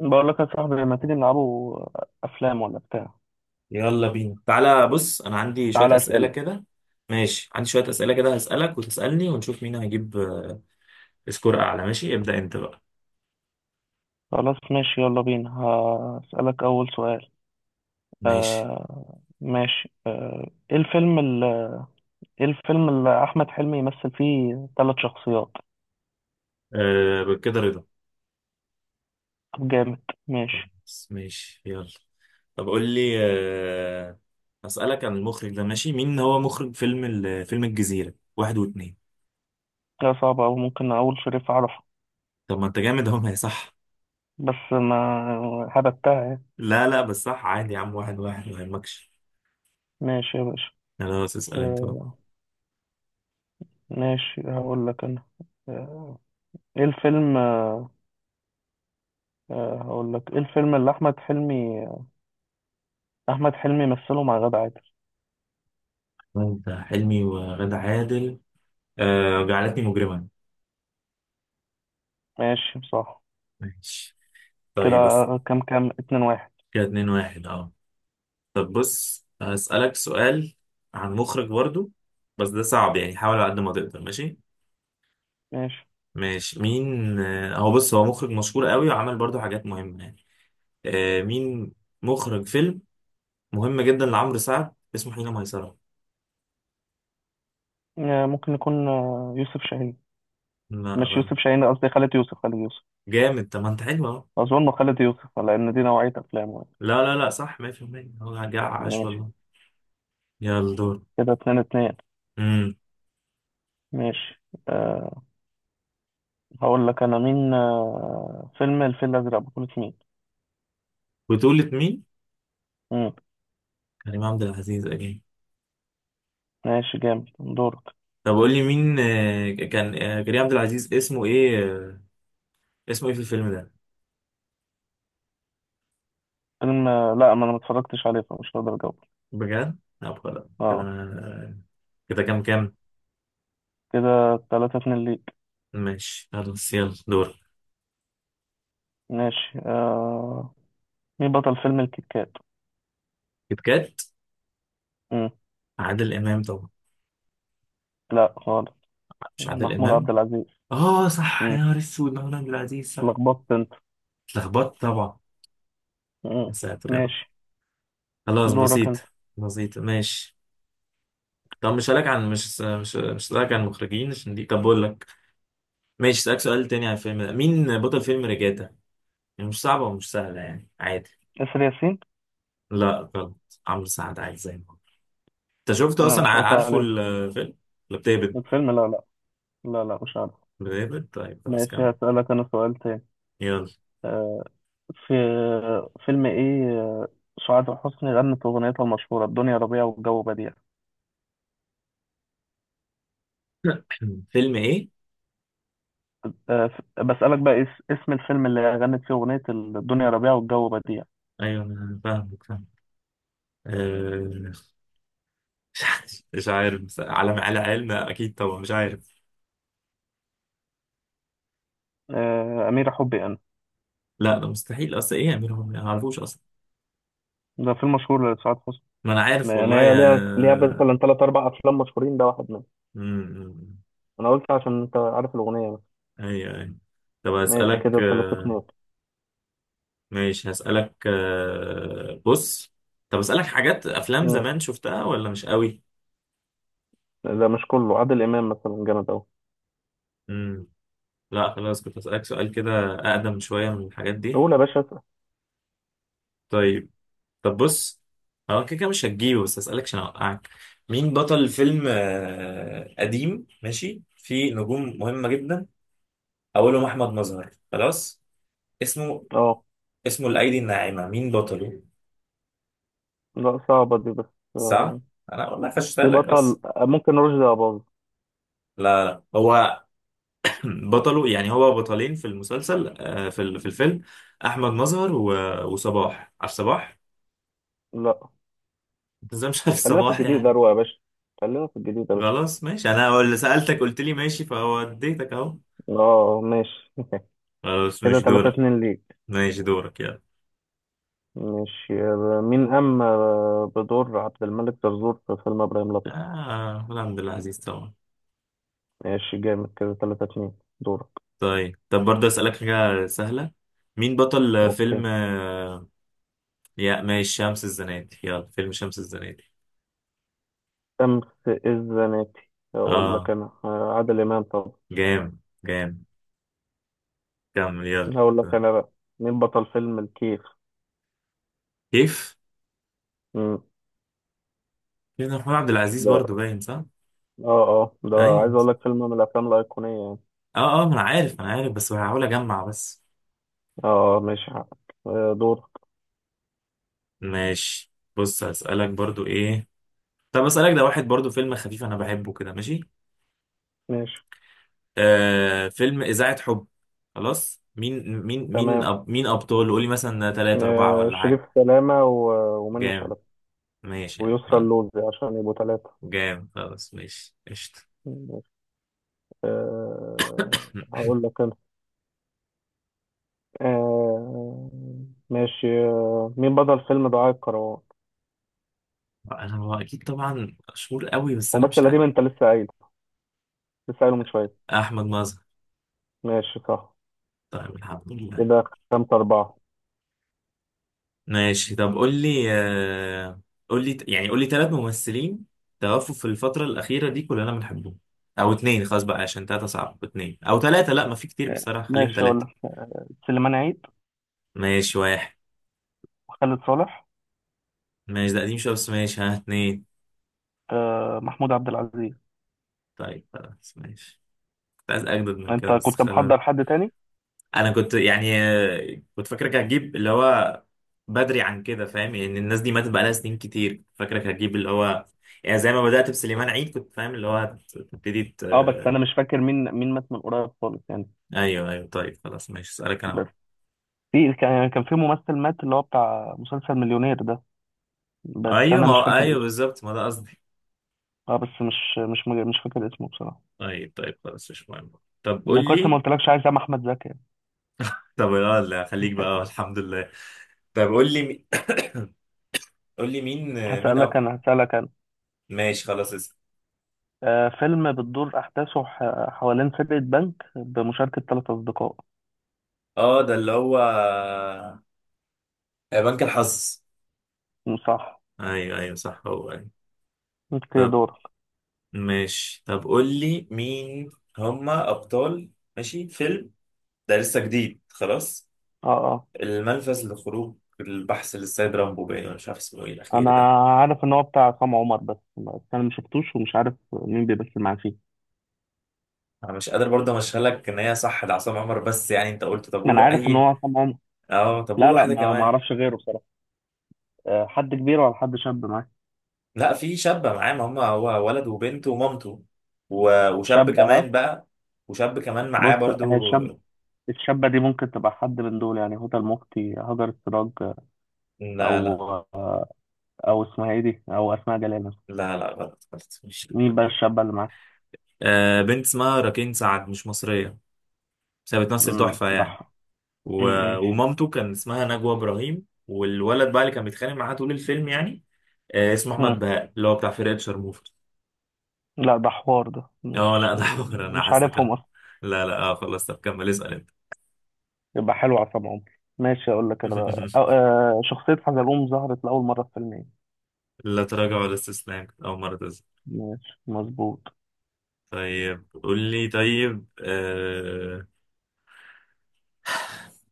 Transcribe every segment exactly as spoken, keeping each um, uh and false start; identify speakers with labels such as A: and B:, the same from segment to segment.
A: بقول لك يا صاحبي، لما تيجي نلعبوا افلام ولا بتاع.
B: يلا بينا تعالى بص انا عندي شوية
A: تعالى
B: أسئلة
A: اسئله.
B: كده ماشي. عندي شوية أسئلة كده هسألك وتسألني ونشوف مين هيجيب آه، سكور اعلى. ماشي ابدأ انت بقى.
A: خلاص ماشي. يلا بينا هسالك اول سؤال.
B: ماشي
A: آه ماشي. آه ايه الفيلم اللي ايه الفيلم اللي احمد حلمي يمثل فيه ثلاث شخصيات؟
B: أه كده رضا.
A: طب جامد. ماشي.
B: خلاص ماشي يلا طب قول لي أه هسألك عن المخرج ده ماشي. مين هو مخرج فيلم ال- فيلم الجزيرة واحد واتنين؟
A: لا صعبه، او ممكن اقول شريف عرفة.
B: طب ما انت جامد اهو ما هي صح.
A: بس ما هبتها يعني.
B: لا لا بس صح عادي يا عم، واحد واحد ما يهمكش.
A: ماشي يا باشا.
B: خلاص اسأل انت بقى.
A: آه ماشي. هقول لك انا. آه ايه الفيلم آه آه، هقول لك ايه الفيلم اللي احمد حلمي احمد حلمي مثله مع غادة عادل؟
B: انت حلمي وغادة عادل أه جعلتني مجرما.
A: ماشي صح.
B: ماشي
A: كده
B: طيب، بس
A: كام كام، اتنين واحد.
B: كده اتنين واحد اه. طب بص هسألك سؤال عن مخرج برضو، بس ده صعب يعني حاول على قد ما تقدر ماشي.
A: ماشي
B: ماشي مين آه، هو بص هو مخرج مشهور قوي وعمل برضو حاجات مهمة يعني. آه، مين مخرج فيلم مهم جدا لعمرو سعد اسمه حين ميسرة؟
A: آه، ممكن يكون آه، يوسف شاهين.
B: لا
A: مش
B: غلط.
A: يوسف شاهين، قصدي خالد يوسف خالد يوسف
B: جامد طب ما انت حلو اهو.
A: أظن خالد يوسف، لأن دي نوعية أفلامه يعني.
B: لا لا لا صح مية بالمية. هو جاع عاش
A: ماشي.
B: والله. يلا دور.
A: كده اتنين اتنين.
B: امم
A: ماشي أه هقول لك أنا مين. أه فيلم الفيل الأزرق بطولة مين؟
B: بطولة مين؟
A: مم.
B: كريم عبد العزيز اكيد.
A: ماشي جامد. دورك.
B: طب قول لي مين آه، كان آه، كريم عبد العزيز اسمه ايه، اسمه ايه في الفيلم ده؟
A: فيلم آه، لا، ما أنا متفرجتش عليه فمش هقدر أجاوب.
B: بجد؟ لا خلاص كده
A: اه.
B: انا. كده كام كام؟
A: كده تلاتة اتنين ليك.
B: ماشي خلاص يلا دور.
A: ماشي. أه مين بطل فيلم الكيت كات؟
B: كيت كات.
A: مم.
B: عادل امام طبعا.
A: لا خالص.
B: مش عادل
A: محمود عبد
B: امام؟
A: العزيز.
B: اه صح يا
A: مم.
B: نهار اسود، محمود عبد العزيز صح.
A: لخبطت انت.
B: اتلخبطت طبعا. يا
A: مم.
B: ساتر يا رب.
A: ماشي.
B: خلاص
A: دورك
B: بسيط.
A: انت.
B: بسيط ماشي. طب مش هسألك عن، مش مش مش هسألك عن المخرجين عشان دي، طب بقول لك ماشي هسألك سؤال تاني عن الفيلم ده. مين بطل فيلم ريجاتا؟ يعني مش صعبة ومش سهلة يعني عادي.
A: اسر ياسين.
B: لا غلط، عمرو سعد عادي زي ما هو. انت شفت
A: لا،
B: اصلا،
A: مش
B: ع-
A: قاطع
B: عارفه
A: عليه
B: الفيلم؟ كلاب ديفيد.
A: الفيلم. لا لا لا، لا، مش عارف.
B: كلاب ديفيد طيب خلاص
A: ماشي.
B: كمل
A: هسألك انا سؤال تاني.
B: يلا.
A: آه، في فيلم ايه آه، سعاد حسني غنت اغنيتها المشهورة الدنيا ربيع والجو بديع؟
B: فيلم ايه؟
A: آه، ف- بسألك بقى اس- اسم الفيلم اللي غنت فيه اغنية الدنيا ربيع والجو بديع.
B: ايوه انا فاهمك فاهم. آه، مش عارف مش عارف، بس على على علم اكيد طبعا مش عارف.
A: آه، أميرة حبي انا.
B: لا ده مستحيل اصلا، ايه يعملوا هم؟ ما اعرفوش اصلا.
A: ده فيلم مشهور لسعاد حسني.
B: ما انا عارف
A: يعني
B: والله
A: هي
B: يا
A: ليها ليها مثلا ثلاث اربع افلام مشهورين، ده واحد منهم.
B: م- م-
A: انا قلت عشان انت عارف الاغنية.
B: ايوه ايوه. طب
A: ماشي.
B: هسألك
A: كده تلاتة
B: آه،
A: اتنين.
B: ماشي هسألك آه، بص، طب اسألك حاجات افلام
A: مم.
B: زمان شفتها ولا مش قوي.
A: ده مش كله عادل إمام مثلا جامد أوي.
B: لا خلاص، كنت أسألك سؤال كده أقدم شوية من الحاجات دي.
A: قول يا باشا، اسأل.
B: طيب طب بص، هو كده كده مش هتجيبه، بس أسألك عشان أوقعك. مين بطل فيلم آه، قديم ماشي فيه نجوم مهمة جدا، أولهم أحمد مظهر؟ خلاص اسمه،
A: اه
B: اسمه الأيدي الناعمة، مين بطله؟
A: لا، صعبة دي بس.
B: صح.
A: آه،
B: أنا والله
A: في
B: فشتلك
A: بطل
B: بس.
A: آه، ممكن رشدي أباظة.
B: لا لا هو بطله يعني هو بطلين في المسلسل، آه، في ال- في الفيلم أحمد مظهر و- وصباح. عارف صباح؟
A: لا،
B: أنت إزاي مش عارف
A: خلينا في
B: صباح
A: الجديد
B: يعني.
A: أروع يا باشا. خلينا في الجديد يا باشا.
B: خلاص ماشي، انا هو اللي سألتك قلت لي ماشي فوديتك اهو.
A: اه ماشي.
B: خلاص
A: كده
B: مش
A: تلاتة
B: دورك.
A: اتنين ليك.
B: ماشي دورك يلا.
A: ماشي. آه، مين قام آه، بدور عبد الملك زرزور في فيلم إبراهيم الأبيض؟
B: اه الحمد لله، عزيز طبعا.
A: ماشي جامد. كده تلاتة اتنين. دورك.
B: طيب طب برضه اسألك حاجة سهلة. مين بطل
A: اوكي.
B: فيلم آه، يا ماشي، شمس الزناتي، يلا فيلم شمس الزناتي؟
A: شمس الزناتي. اقول لك
B: اه
A: انا آه، عادل امام طبعا.
B: جام جام. كمل يلا.
A: هقول لك انا بقى. مين بطل فيلم الكيف؟
B: كيف.
A: مم.
B: كيف ده محمود عبد العزيز برضه
A: ده
B: باين صح؟
A: اه اه ده عايز
B: ايوه.
A: اقول لك فيلم من الافلام الايقونيه يعني.
B: اه اه ما انا عارف انا عارف، بس هحاول اجمع بس.
A: اه آه، ماشي حقك. آه، دور.
B: ماشي بص هسألك برضه ايه، طب اسالك ده واحد برضو فيلم خفيف انا بحبه كده ماشي.
A: ماشي
B: آه فيلم اذاعه حب، خلاص مين مين مين
A: تمام.
B: أب، مين ابطال قولي مثلا ثلاثة أربعة
A: آه،
B: ولا
A: شريف
B: حاجه؟
A: سلامه و- ومنة
B: جامد.
A: شلبي
B: ماشي يعني
A: ويسرى
B: آه،
A: اللوزي عشان يبقوا ثلاثه.
B: جامد خلاص ماشي قشطه.
A: أه هقول لك انا. آه، ماشي. آه، مين بطل فيلم دعاء الكروان؟
B: انا هو اكيد طبعا مشهور قوي بس انا مش
A: ممثل قديم
B: عارف.
A: انت لسه قايل، لسه قايله من شويه.
B: احمد مظهر.
A: ماشي صح.
B: طيب الحمد لله.
A: كده خمسة أربعة.
B: ماشي طب قول لي آه، قول لي يعني قول لي ثلاث ممثلين توفوا في الفتره الاخيره دي كلنا بنحبهم، او اتنين خلاص بقى عشان تلاتة صعب، اتنين او تلاتة، لا ما في كتير
A: آه،
B: بصراحة خليهم
A: ماشي. هقول لك:
B: تلاتة.
A: سليمان عيد،
B: ماشي واحد.
A: خالد صالح،
B: ماشي ده قديم شوية بس ماشي، ها اتنين.
A: آه، محمود عبد العزيز.
B: طيب خلاص ماشي، كنت عايز أجدد من كده
A: انت
B: بس
A: كنت
B: خلاص.
A: محضر حد تاني؟
B: أنا كنت يعني آه، كنت فاكرك هتجيب اللي هو بدري عن كده، فاهم يعني الناس دي ماتت بقالها سنين كتير، كنت فاكرك هتجيب اللي هو يعني زي ما بدأت بسليمان عيد كنت فاهم اللي هو هت- هتبتدي ت...
A: اه، بس انا مش فاكر مين مين مات من قريب خالص يعني.
B: أيوه أيوه. طيب خلاص ماشي، أسألك أنا
A: بس
B: بقى.
A: في كان يعني كان في ممثل مات اللي هو بتاع مسلسل مليونير ده، بس
B: أيوه
A: انا
B: ما
A: مش
B: هو
A: فاكر
B: أيوه
A: اسمه.
B: بالظبط، ما ده قصدي.
A: اه بس مش مش مج- مش فاكر اسمه بصراحه.
B: طيب طيب خلاص مش مهم. طب قول
A: انا كويس ما
B: لي.
A: قلتلكش، عايز اعمل احمد زكي يعني.
B: طب لا لا خليك بقى الحمد لله. طب قول لي مي- قول لي مين، مين؟
A: هسألك انا هسألك انا
B: ماشي خلاص اسم.
A: آه فيلم بتدور احداثه ح- حوالين سرقة بنك بمشاركة ثلاث اصدقاء.
B: اه ده اللي هو آه، بنك الحظ.
A: صح.
B: ايوه ايوه صح هو ايوه.
A: انت
B: طب
A: دورك.
B: ماشي طب قول لي مين هما ابطال ماشي فيلم ده لسه جديد خلاص،
A: اه،
B: الملفت لخروج البحث للسيد رامبو، باين أنا مش عارف اسمه ايه
A: انا
B: الاخير ده.
A: عارف ان هو بتاع عصام عمر، بس بس انا ما شفتوش ومش عارف مين بيمثل معاه فيه.
B: انا مش قادر برضه امشيها لك ان هي صح ده عصام عمر، بس يعني انت قلت طب
A: ما
B: قول
A: انا
B: له
A: عارف ان هو
B: اي.
A: عصام عمر.
B: اه طب قول
A: لا، لا،
B: واحده
A: ما ما
B: كمان.
A: اعرفش غيره بصراحه. أه، حد كبير ولا حد شاب معاك؟
B: لا في شابة معاه، ما هم هو ولد وبنت ومامته و- وشاب
A: شاب، ها.
B: كمان بقى. وشاب كمان معاه
A: بص، هي
B: برضو.
A: الشاب، الشابه دي ممكن تبقى حد من دول، يعني هدى المفتي، هاجر السراج،
B: لا لا
A: او او اسمها ايه دي، او اسماء جلال مثلا.
B: لا لا غلط غلط مش،
A: مين بقى الشابه اللي معاك؟
B: آه بنت اسمها راكين سعد مش مصرية، بس هي بتمثل
A: امم.
B: تحفة يعني.
A: بح.
B: و...
A: امم.
B: ومامته كان اسمها نجوى إبراهيم، والولد بقى اللي كان بيتخانق معاه طول الفيلم يعني آه اسمه أحمد
A: أمم.
B: بهاء اللي هو بتاع فرقة شرموفرز.
A: لا، ده حوار، ده
B: اه لا
A: مش
B: انا حمار انا
A: مش
B: حاسس
A: عارفهم.
B: كده. لا لا اه خلاص طب كمل اسأل انت.
A: يبقى حلو على طبعا. ماشي. اقول لك انا بقى. أو آه شخصية حزلوم ظهرت لأول مرة في فيلم ايه؟
B: لا تراجع ولا استسلام، أول مرة.
A: ماشي مظبوط.
B: طيب قول لي طيب آه،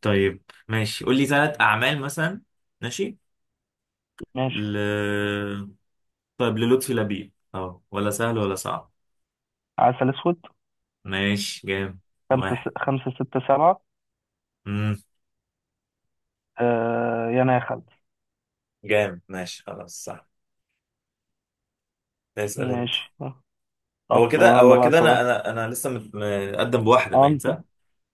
B: طيب ماشي قول لي ثلاث أعمال مثلا ماشي
A: ماشي.
B: ل... طيب للطفي لبيب، اه ولا سهل ولا صعب؟
A: عسل اسود.
B: ماشي جامد.
A: خمسة س...
B: واحد.
A: خمسة ستة سبعة.
B: امم
A: آه يا انا يا خالد.
B: جامد ماشي خلاص صح. اسأل انت.
A: ماشي.
B: هو
A: أب...
B: كده
A: يلا
B: هو
A: بقى
B: كده انا
A: سؤال.
B: انا انا لسه مت- متقدم بواحدة
A: اه
B: باين
A: انت
B: صح؟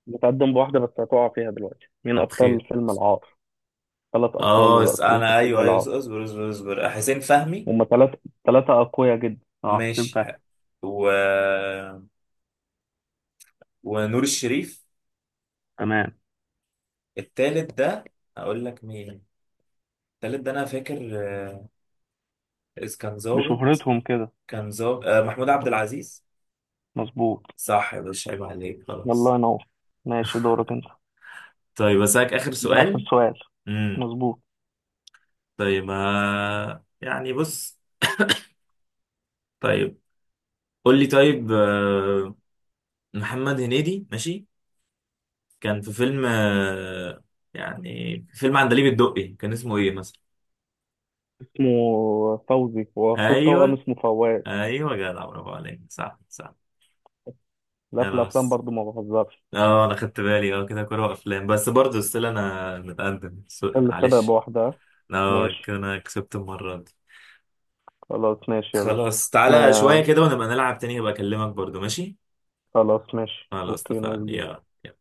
A: متقدم بواحدة، بس هتقع فيها دلوقتي. مين
B: طب
A: ابطال
B: خير.
A: فيلم العار؟ ثلاث ابطال
B: اه اس-
A: الرئيسيين في
B: انا
A: فيلم
B: ايوه ايوه
A: العار.
B: اصبر اصبر اصبر اصبر. حسين فهمي.
A: هما ثلاثة، ثلاثة اقوياء جدا، اه
B: ماشي
A: تنفع.
B: ح- و... ونور الشريف.
A: تمام.
B: التالت ده، اقول لك مين، التالت ده انا فاكر آه، إذ كان ظابط،
A: بشهرتهم كده.
B: كان ظابط آه، محمود عبد العزيز.
A: مظبوط.
B: صح يا باشا عيب عليك
A: يلا
B: خلاص.
A: ينور. ماشي. دورك انت.
B: طيب اسالك اخر
A: ده اخر
B: سؤال.
A: سؤال.
B: امم
A: مظبوط.
B: طيب آه يعني بص، طيب قول لي طيب آه محمد هنيدي ماشي كان في فيلم آه يعني في فيلم عندليب الدقي كان اسمه ايه مثلا؟
A: اسمه فوزي، واخوه التوأم
B: ايوه
A: اسمه فواز.
B: ايوه جدع، برافو عليك صح صح.
A: لا، في الافلام
B: خلاص.
A: برضو ما بهزرش.
B: اه انا خدت بالي اه، كده كوره وافلام، بس برضه ستيل انا متقدم، سوري،
A: اللي سبق
B: معلش.
A: بواحدة.
B: اه
A: ماشي
B: كده انا كسبت المرة دي.
A: خلاص. ماشي يا باشا.
B: خلاص
A: ما
B: تعالى شوية كده ونبقى نلعب تاني، هبقى اكلمك برضو ماشي.
A: خلاص ماشي.
B: خلاص
A: اوكي نايس
B: اتفقنا
A: جدا.
B: يلا.